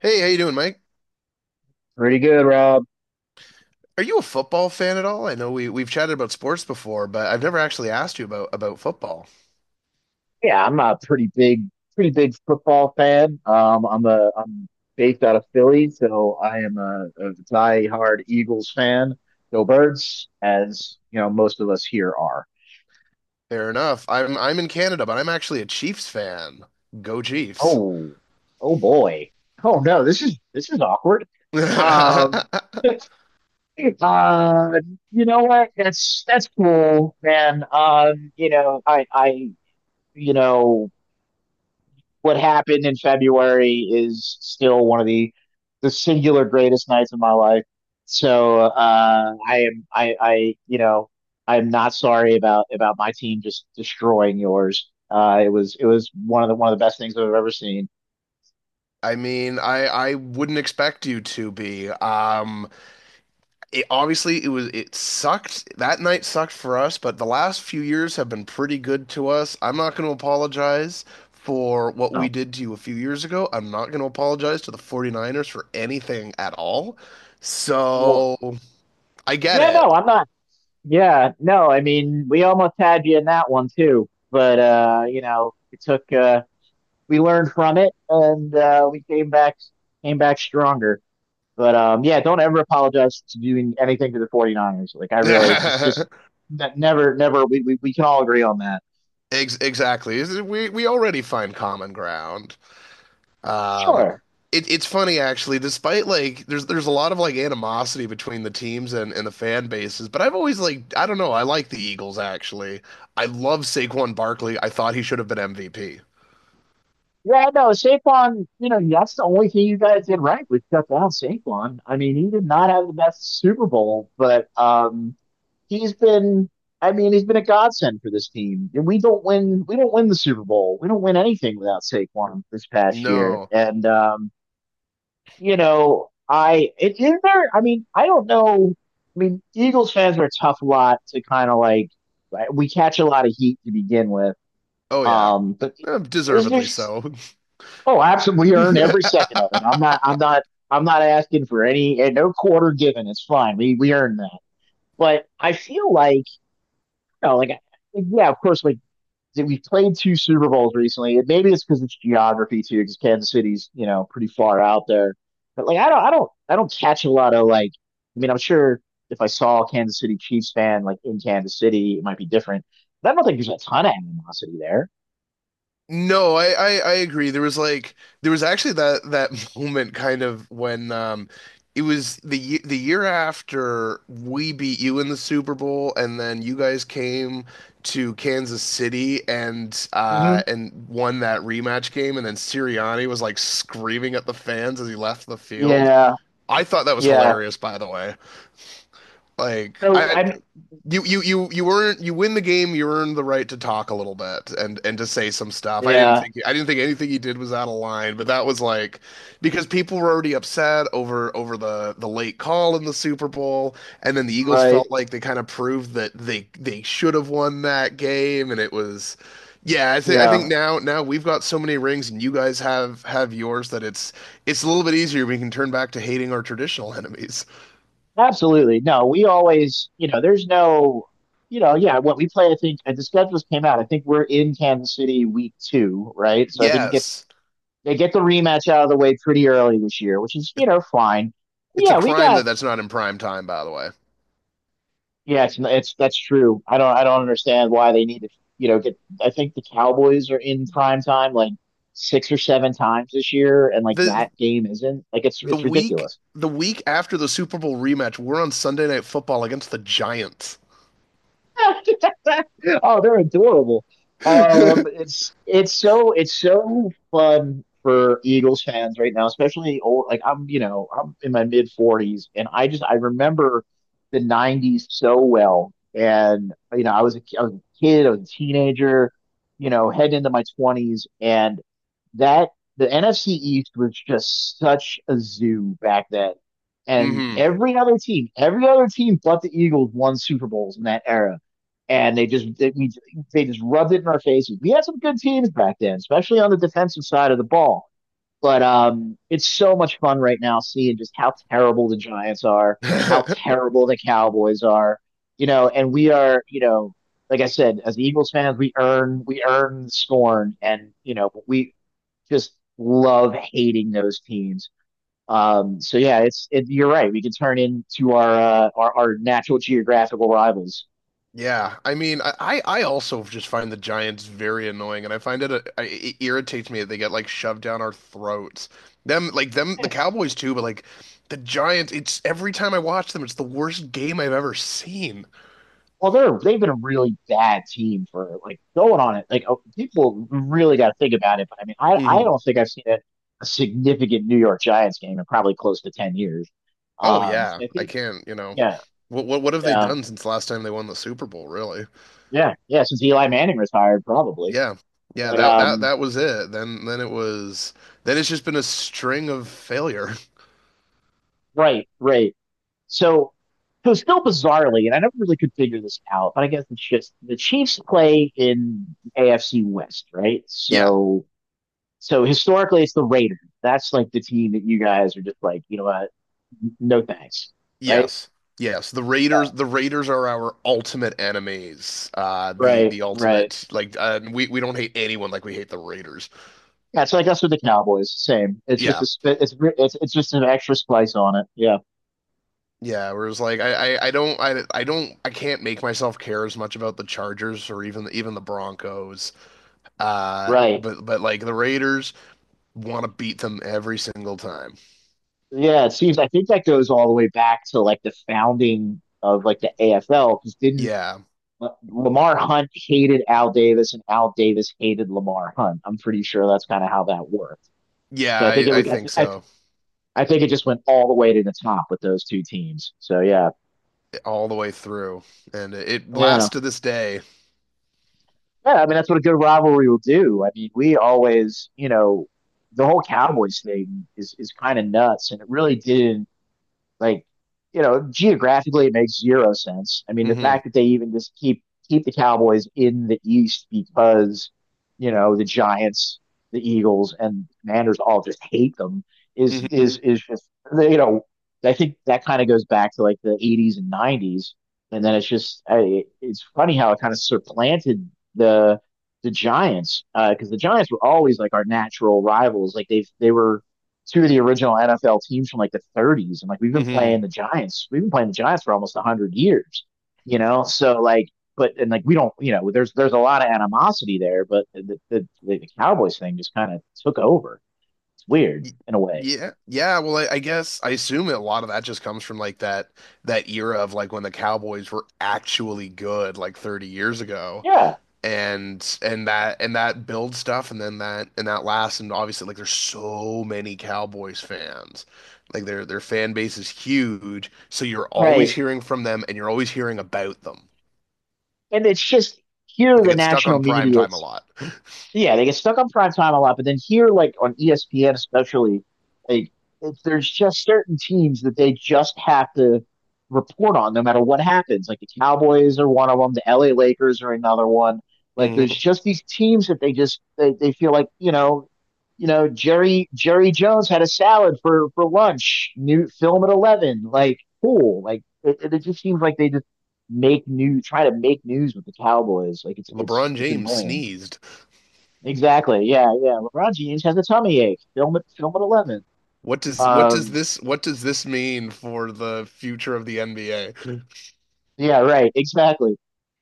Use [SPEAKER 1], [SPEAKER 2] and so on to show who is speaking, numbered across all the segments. [SPEAKER 1] Hey, how you doing, Mike?
[SPEAKER 2] Pretty good, Rob.
[SPEAKER 1] Are you a football fan at all? I know we've chatted about sports before, but I've never actually asked you about football.
[SPEAKER 2] Yeah, I'm a pretty big football fan. I'm based out of Philly, so I am a diehard Eagles fan. Go Birds, as you know, most of us here are.
[SPEAKER 1] Fair enough. I'm in Canada, but I'm actually a Chiefs fan. Go Chiefs.
[SPEAKER 2] Oh, oh boy. Oh no, this is awkward. Um,
[SPEAKER 1] I
[SPEAKER 2] uh, you know what? That's cool, man. I you know what happened in February is still one of the singular greatest nights of my life. So I am I I am not sorry about my team just destroying yours. It was one of the best things I've ever seen.
[SPEAKER 1] mean, I wouldn't expect you to be. It obviously it sucked. That night sucked for us, but the last few years have been pretty good to us. I'm not going to apologize for what
[SPEAKER 2] Oh,
[SPEAKER 1] we did to you a few years ago. I'm not going to apologize to the 49ers for anything at all.
[SPEAKER 2] war.
[SPEAKER 1] So I get
[SPEAKER 2] Yeah,
[SPEAKER 1] it.
[SPEAKER 2] no, I'm not. Yeah, no, I mean we almost had you in that one too, but it took we learned from it and we came back stronger. But yeah, don't ever apologize to doing anything to the 49ers. Like I really just never we can all agree on that.
[SPEAKER 1] Ex exactly. We already find common ground. Um,
[SPEAKER 2] Sure.
[SPEAKER 1] it's funny actually, despite like there's a lot of like animosity between the teams and the fan bases, but I've always like I don't know, I like the Eagles actually. I love Saquon Barkley. I thought he should have been MVP.
[SPEAKER 2] Yeah, no, Saquon, that's the only thing you guys did right was shut down Saquon. I mean, he did not have the best Super Bowl, but he's been I mean, he's been a godsend for this team. And we don't win the Super Bowl. We don't win anything without Saquon this past year.
[SPEAKER 1] No.
[SPEAKER 2] And I it is there. I mean, I don't know. I mean, Eagles fans are a tough lot to kind of like. Right, we catch a lot of heat to begin with.
[SPEAKER 1] Oh yeah.
[SPEAKER 2] But
[SPEAKER 1] Eh,
[SPEAKER 2] is there?
[SPEAKER 1] deservedly so.
[SPEAKER 2] Oh, absolutely. We earn every second of it. I'm not. I'm not. I'm not asking for any and no quarter given. It's fine. We earn that. But I feel like, like yeah, of course, like that we played two Super Bowls recently. Maybe it's because it's geography too, because Kansas City's pretty far out there. But like I don't catch a lot of like I mean I'm sure if I saw a Kansas City Chiefs fan like in Kansas City it might be different. But I don't think there's a ton of animosity there.
[SPEAKER 1] No, I agree. There was like there was actually that moment kind of when it was the year after we beat you in the Super Bowl and then you guys came to Kansas City
[SPEAKER 2] Mm-hmm.
[SPEAKER 1] and won that rematch game and then Sirianni was like screaming at the fans as he left the field.
[SPEAKER 2] Yeah,
[SPEAKER 1] I thought that was
[SPEAKER 2] yeah.
[SPEAKER 1] hilarious, by the way. Like
[SPEAKER 2] So
[SPEAKER 1] I
[SPEAKER 2] I mean,
[SPEAKER 1] you earn you win the game. You earn the right to talk a little bit and to say some stuff.
[SPEAKER 2] yeah,
[SPEAKER 1] I didn't think anything he did was out of line, but that was like because people were already upset over the late call in the Super Bowl, and then the Eagles
[SPEAKER 2] right.
[SPEAKER 1] felt like they kind of proved that they should have won that game, and it was yeah. I think
[SPEAKER 2] Yeah,
[SPEAKER 1] now we've got so many rings, and you guys have yours that it's a little bit easier. We can turn back to hating our traditional enemies.
[SPEAKER 2] absolutely. No, we always, there's no, yeah, what we play, I think, and the schedules came out. I think we're in Kansas City week two, right? So I think it gets
[SPEAKER 1] Yes.
[SPEAKER 2] they get the rematch out of the way pretty early this year, which is fine.
[SPEAKER 1] It's a
[SPEAKER 2] Yeah, we
[SPEAKER 1] crime that
[SPEAKER 2] got
[SPEAKER 1] that's not in prime time, by the way.
[SPEAKER 2] yeah, it's that's true. I don't understand why they need to get. I think the Cowboys are in prime time like six or seven times this year, and like that
[SPEAKER 1] The
[SPEAKER 2] game isn't like it's it's ridiculous.
[SPEAKER 1] the week after the Super Bowl rematch, we're on Sunday Night Football against the Giants.
[SPEAKER 2] Oh, they're adorable. It's so fun for Eagles fans right now, especially old. Like I'm, I'm in my mid 40s, and I just I remember the 90s so well. And I was a kid, I was a teenager, heading into my 20s, and that the NFC East was just such a zoo back then. And
[SPEAKER 1] Hmm.
[SPEAKER 2] every other team but the Eagles won Super Bowls in that era, and they just rubbed it in our faces. We had some good teams back then, especially on the defensive side of the ball. But it's so much fun right now seeing just how terrible the Giants are, how terrible the Cowboys are. And we are, like I said, as Eagles fans, we earn scorn, and we just love hating those teams. So yeah, you're right. We can turn into our natural geographical rivals.
[SPEAKER 1] Yeah, I mean, I also just find the Giants very annoying, and I find it, it irritates me that they get like shoved down our throats. Them, the
[SPEAKER 2] Yes.
[SPEAKER 1] Cowboys too, but like the Giants, it's every time I watch them, it's the worst game I've ever seen.
[SPEAKER 2] Well, they've been a really bad team for like going on it. Like oh, people really got to think about it. But I mean, I
[SPEAKER 1] Hmm.
[SPEAKER 2] don't think I've seen a significant New York Giants game in probably close to 10 years.
[SPEAKER 1] Oh yeah,
[SPEAKER 2] So I
[SPEAKER 1] I
[SPEAKER 2] think
[SPEAKER 1] can't, you know,
[SPEAKER 2] yeah,
[SPEAKER 1] what have they
[SPEAKER 2] yeah,
[SPEAKER 1] done since last time they won the Super Bowl, really?
[SPEAKER 2] yeah, yeah. Since Eli Manning retired, probably.
[SPEAKER 1] Yeah. Yeah,
[SPEAKER 2] But
[SPEAKER 1] that that was it. Then it was then it's just been a string of failure.
[SPEAKER 2] right, right. So so still bizarrely, and I never really could figure this out. But I guess it's just the Chiefs play in AFC West, right?
[SPEAKER 1] Yeah.
[SPEAKER 2] So so historically it's the Raiders. That's like the team that you guys are just like, you know what? No thanks. Right?
[SPEAKER 1] Yes. Yes.
[SPEAKER 2] Yeah.
[SPEAKER 1] The Raiders are our ultimate enemies. The
[SPEAKER 2] Right, right.
[SPEAKER 1] ultimate like we don't hate anyone like we hate the Raiders.
[SPEAKER 2] Yeah, it's like us with the Cowboys. Same. It's just
[SPEAKER 1] Yeah.
[SPEAKER 2] it's just an extra splice on it. Yeah.
[SPEAKER 1] Yeah, where it's like I don't I don't I can't make myself care as much about the Chargers or even the Broncos.
[SPEAKER 2] Right.
[SPEAKER 1] But like the Raiders want to beat them every single time.
[SPEAKER 2] Yeah, it seems I think that goes all the way back to like the founding of like the AFL because didn't
[SPEAKER 1] Yeah.
[SPEAKER 2] Lamar Hunt hated Al Davis and Al Davis hated Lamar Hunt. I'm pretty sure that's kind of how that worked.
[SPEAKER 1] Yeah, I
[SPEAKER 2] I,
[SPEAKER 1] think
[SPEAKER 2] th-
[SPEAKER 1] so.
[SPEAKER 2] I think it just went all the way to the top with those two teams. So yeah,
[SPEAKER 1] All the way through, and it
[SPEAKER 2] yeah,
[SPEAKER 1] lasts to this day.
[SPEAKER 2] yeah. I mean, that's what a good rivalry will do. I mean, we always, the whole Cowboys thing is kind of nuts, and it really didn't. Like, geographically it makes zero sense. I mean, the
[SPEAKER 1] Hmm.
[SPEAKER 2] fact that they even just keep the Cowboys in the East, because, the Giants, the Eagles, and the Commanders all just hate them is
[SPEAKER 1] Hmm.
[SPEAKER 2] is is just. you know, I think that kind of goes back to like the 80s and 90s, and then it's funny how it kind of supplanted the the Giants, because the Giants were always like our natural rivals. Like they were two of the original NFL teams from like the 30s. And like we've been
[SPEAKER 1] Hmm.
[SPEAKER 2] playing the Giants, we've been playing the Giants for almost 100 years, you know? So like, but and like we don't, there's a lot of animosity there, but the Cowboys thing just kind of took over. It's weird in a way.
[SPEAKER 1] Yeah, yeah. Well, I guess I assume a lot of that just comes from like that era of like when the Cowboys were actually good, like 30 years ago,
[SPEAKER 2] Yeah,
[SPEAKER 1] and that builds stuff, and then that lasts, and obviously like there's so many Cowboys fans, like their fan base is huge, so you're always
[SPEAKER 2] right.
[SPEAKER 1] hearing from them, and you're always hearing about them.
[SPEAKER 2] And it's just here are
[SPEAKER 1] They
[SPEAKER 2] the
[SPEAKER 1] get stuck
[SPEAKER 2] national
[SPEAKER 1] on prime
[SPEAKER 2] media.
[SPEAKER 1] time a lot.
[SPEAKER 2] Yeah, they get stuck on prime time a lot, but then here, like on ESPN especially, like there's just certain teams that they just have to report on no matter what happens. Like the Cowboys are one of them, the LA Lakers are another one. Like there's just these teams that they just they feel like Jerry Jones had a salad for lunch. New film at 11, like cool. Like it just seems like they just make new try to make news with the Cowboys. Like it's it's
[SPEAKER 1] LeBron
[SPEAKER 2] it's
[SPEAKER 1] James
[SPEAKER 2] annoying.
[SPEAKER 1] sneezed.
[SPEAKER 2] Exactly. Yeah, yeah. LeBron James has a tummy ache. Film at 11.
[SPEAKER 1] What does what does
[SPEAKER 2] Um,
[SPEAKER 1] this what does this mean for the future of the NBA? Mm.
[SPEAKER 2] yeah, right, exactly.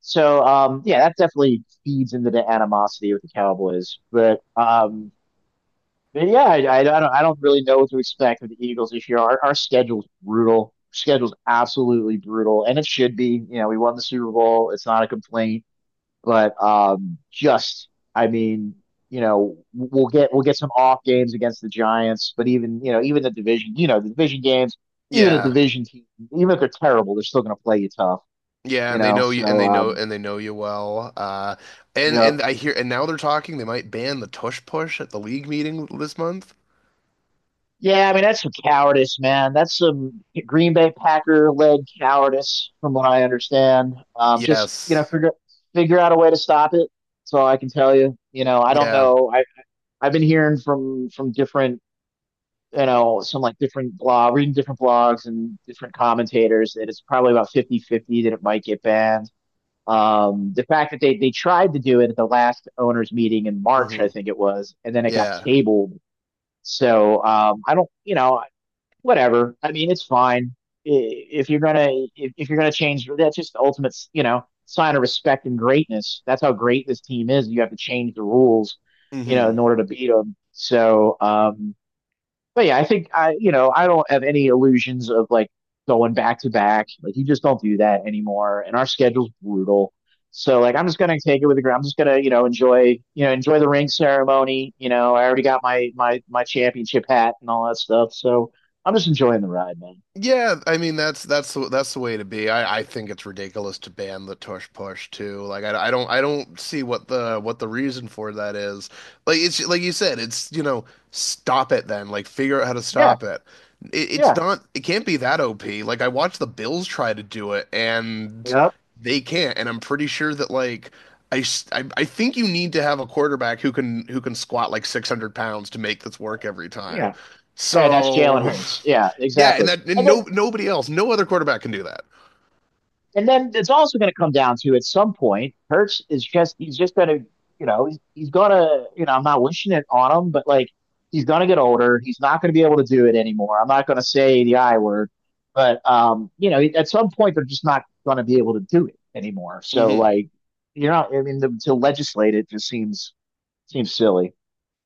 [SPEAKER 2] So yeah, that definitely feeds into the animosity with the Cowboys. But yeah, I don't really know what to expect with the Eagles this year. Our schedule's brutal. Schedule's absolutely brutal, and it should be. You know, we won the Super Bowl. It's not a complaint. But just, I mean, we'll get some off games against the Giants, but even even the division, the division games, even a
[SPEAKER 1] Yeah.
[SPEAKER 2] division team, even if they're terrible, they're still going to play you tough,
[SPEAKER 1] Yeah,
[SPEAKER 2] you
[SPEAKER 1] and they
[SPEAKER 2] know.
[SPEAKER 1] know you and
[SPEAKER 2] So,
[SPEAKER 1] they know you well.
[SPEAKER 2] you
[SPEAKER 1] And
[SPEAKER 2] know,
[SPEAKER 1] I hear and now they might ban the tush push at the league meeting this month.
[SPEAKER 2] yeah, I mean, that's some cowardice, man. That's some Green Bay Packer led cowardice, from what I understand. Just
[SPEAKER 1] Yes.
[SPEAKER 2] figure out a way to stop it. That's all I can tell you. You know, I don't
[SPEAKER 1] Yeah.
[SPEAKER 2] know. I've been hearing from different some like different blog, reading different blogs and different commentators that it's probably about 50-50 that it might get banned. The fact that they tried to do it at the last owners meeting in March, I
[SPEAKER 1] Hmm.
[SPEAKER 2] think it was, and then it got
[SPEAKER 1] Yeah.
[SPEAKER 2] tabled. So I don't, whatever. I mean, it's fine if you're gonna if you're gonna change. That's just the ultimate, sign of respect and greatness. That's how great this team is. You have to change the rules, in
[SPEAKER 1] Hmm.
[SPEAKER 2] order to beat them. So but yeah, I think I, you know, I don't have any illusions of like going back to back. Like you just don't do that anymore. And our schedule's brutal. So like I'm just gonna take it with the ground. I'm just gonna, enjoy, the ring ceremony. You know, I already got my championship hat and all that stuff. So I'm just enjoying the ride, man.
[SPEAKER 1] Yeah, I mean that's the way to be. I think it's ridiculous to ban the tush push too. Like I don't see what the reason for that is. Like it's like you said, it's you know stop it then. Like figure out how to
[SPEAKER 2] Yeah,
[SPEAKER 1] stop it. It's
[SPEAKER 2] yeah,
[SPEAKER 1] not it can't be that OP. Like I watched the Bills try to do it and
[SPEAKER 2] yeah,
[SPEAKER 1] they can't. And I'm pretty sure that like I, s- I think you need to have a quarterback who can squat like 600 pounds to make this work every time.
[SPEAKER 2] yeah. And that's Jalen
[SPEAKER 1] So.
[SPEAKER 2] Hurts. Yeah,
[SPEAKER 1] Yeah, and
[SPEAKER 2] exactly.
[SPEAKER 1] that and
[SPEAKER 2] And then
[SPEAKER 1] nobody else, no other quarterback can do that.
[SPEAKER 2] And then it's also going to come down to at some point, Hertz is just he's just going to he's going to I'm not wishing it on him, but like he's going to get older. He's not going to be able to do it anymore. I'm not going to say the I word, but at some point they're just not going to be able to do it anymore. So like you're not. I mean, to legislate it just seems silly,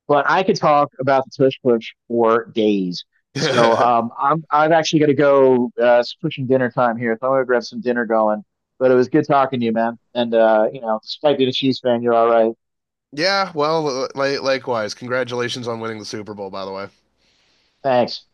[SPEAKER 2] but I could talk about the tush push for days. So
[SPEAKER 1] Mm-hmm.
[SPEAKER 2] I'm actually gonna go. It's pushing dinner time here, so I'm gonna grab some dinner going. But it was good talking to you, man. And despite being a Chiefs fan, you're all right.
[SPEAKER 1] Yeah, well, likewise. Congratulations on winning the Super Bowl, by the way.
[SPEAKER 2] Thanks.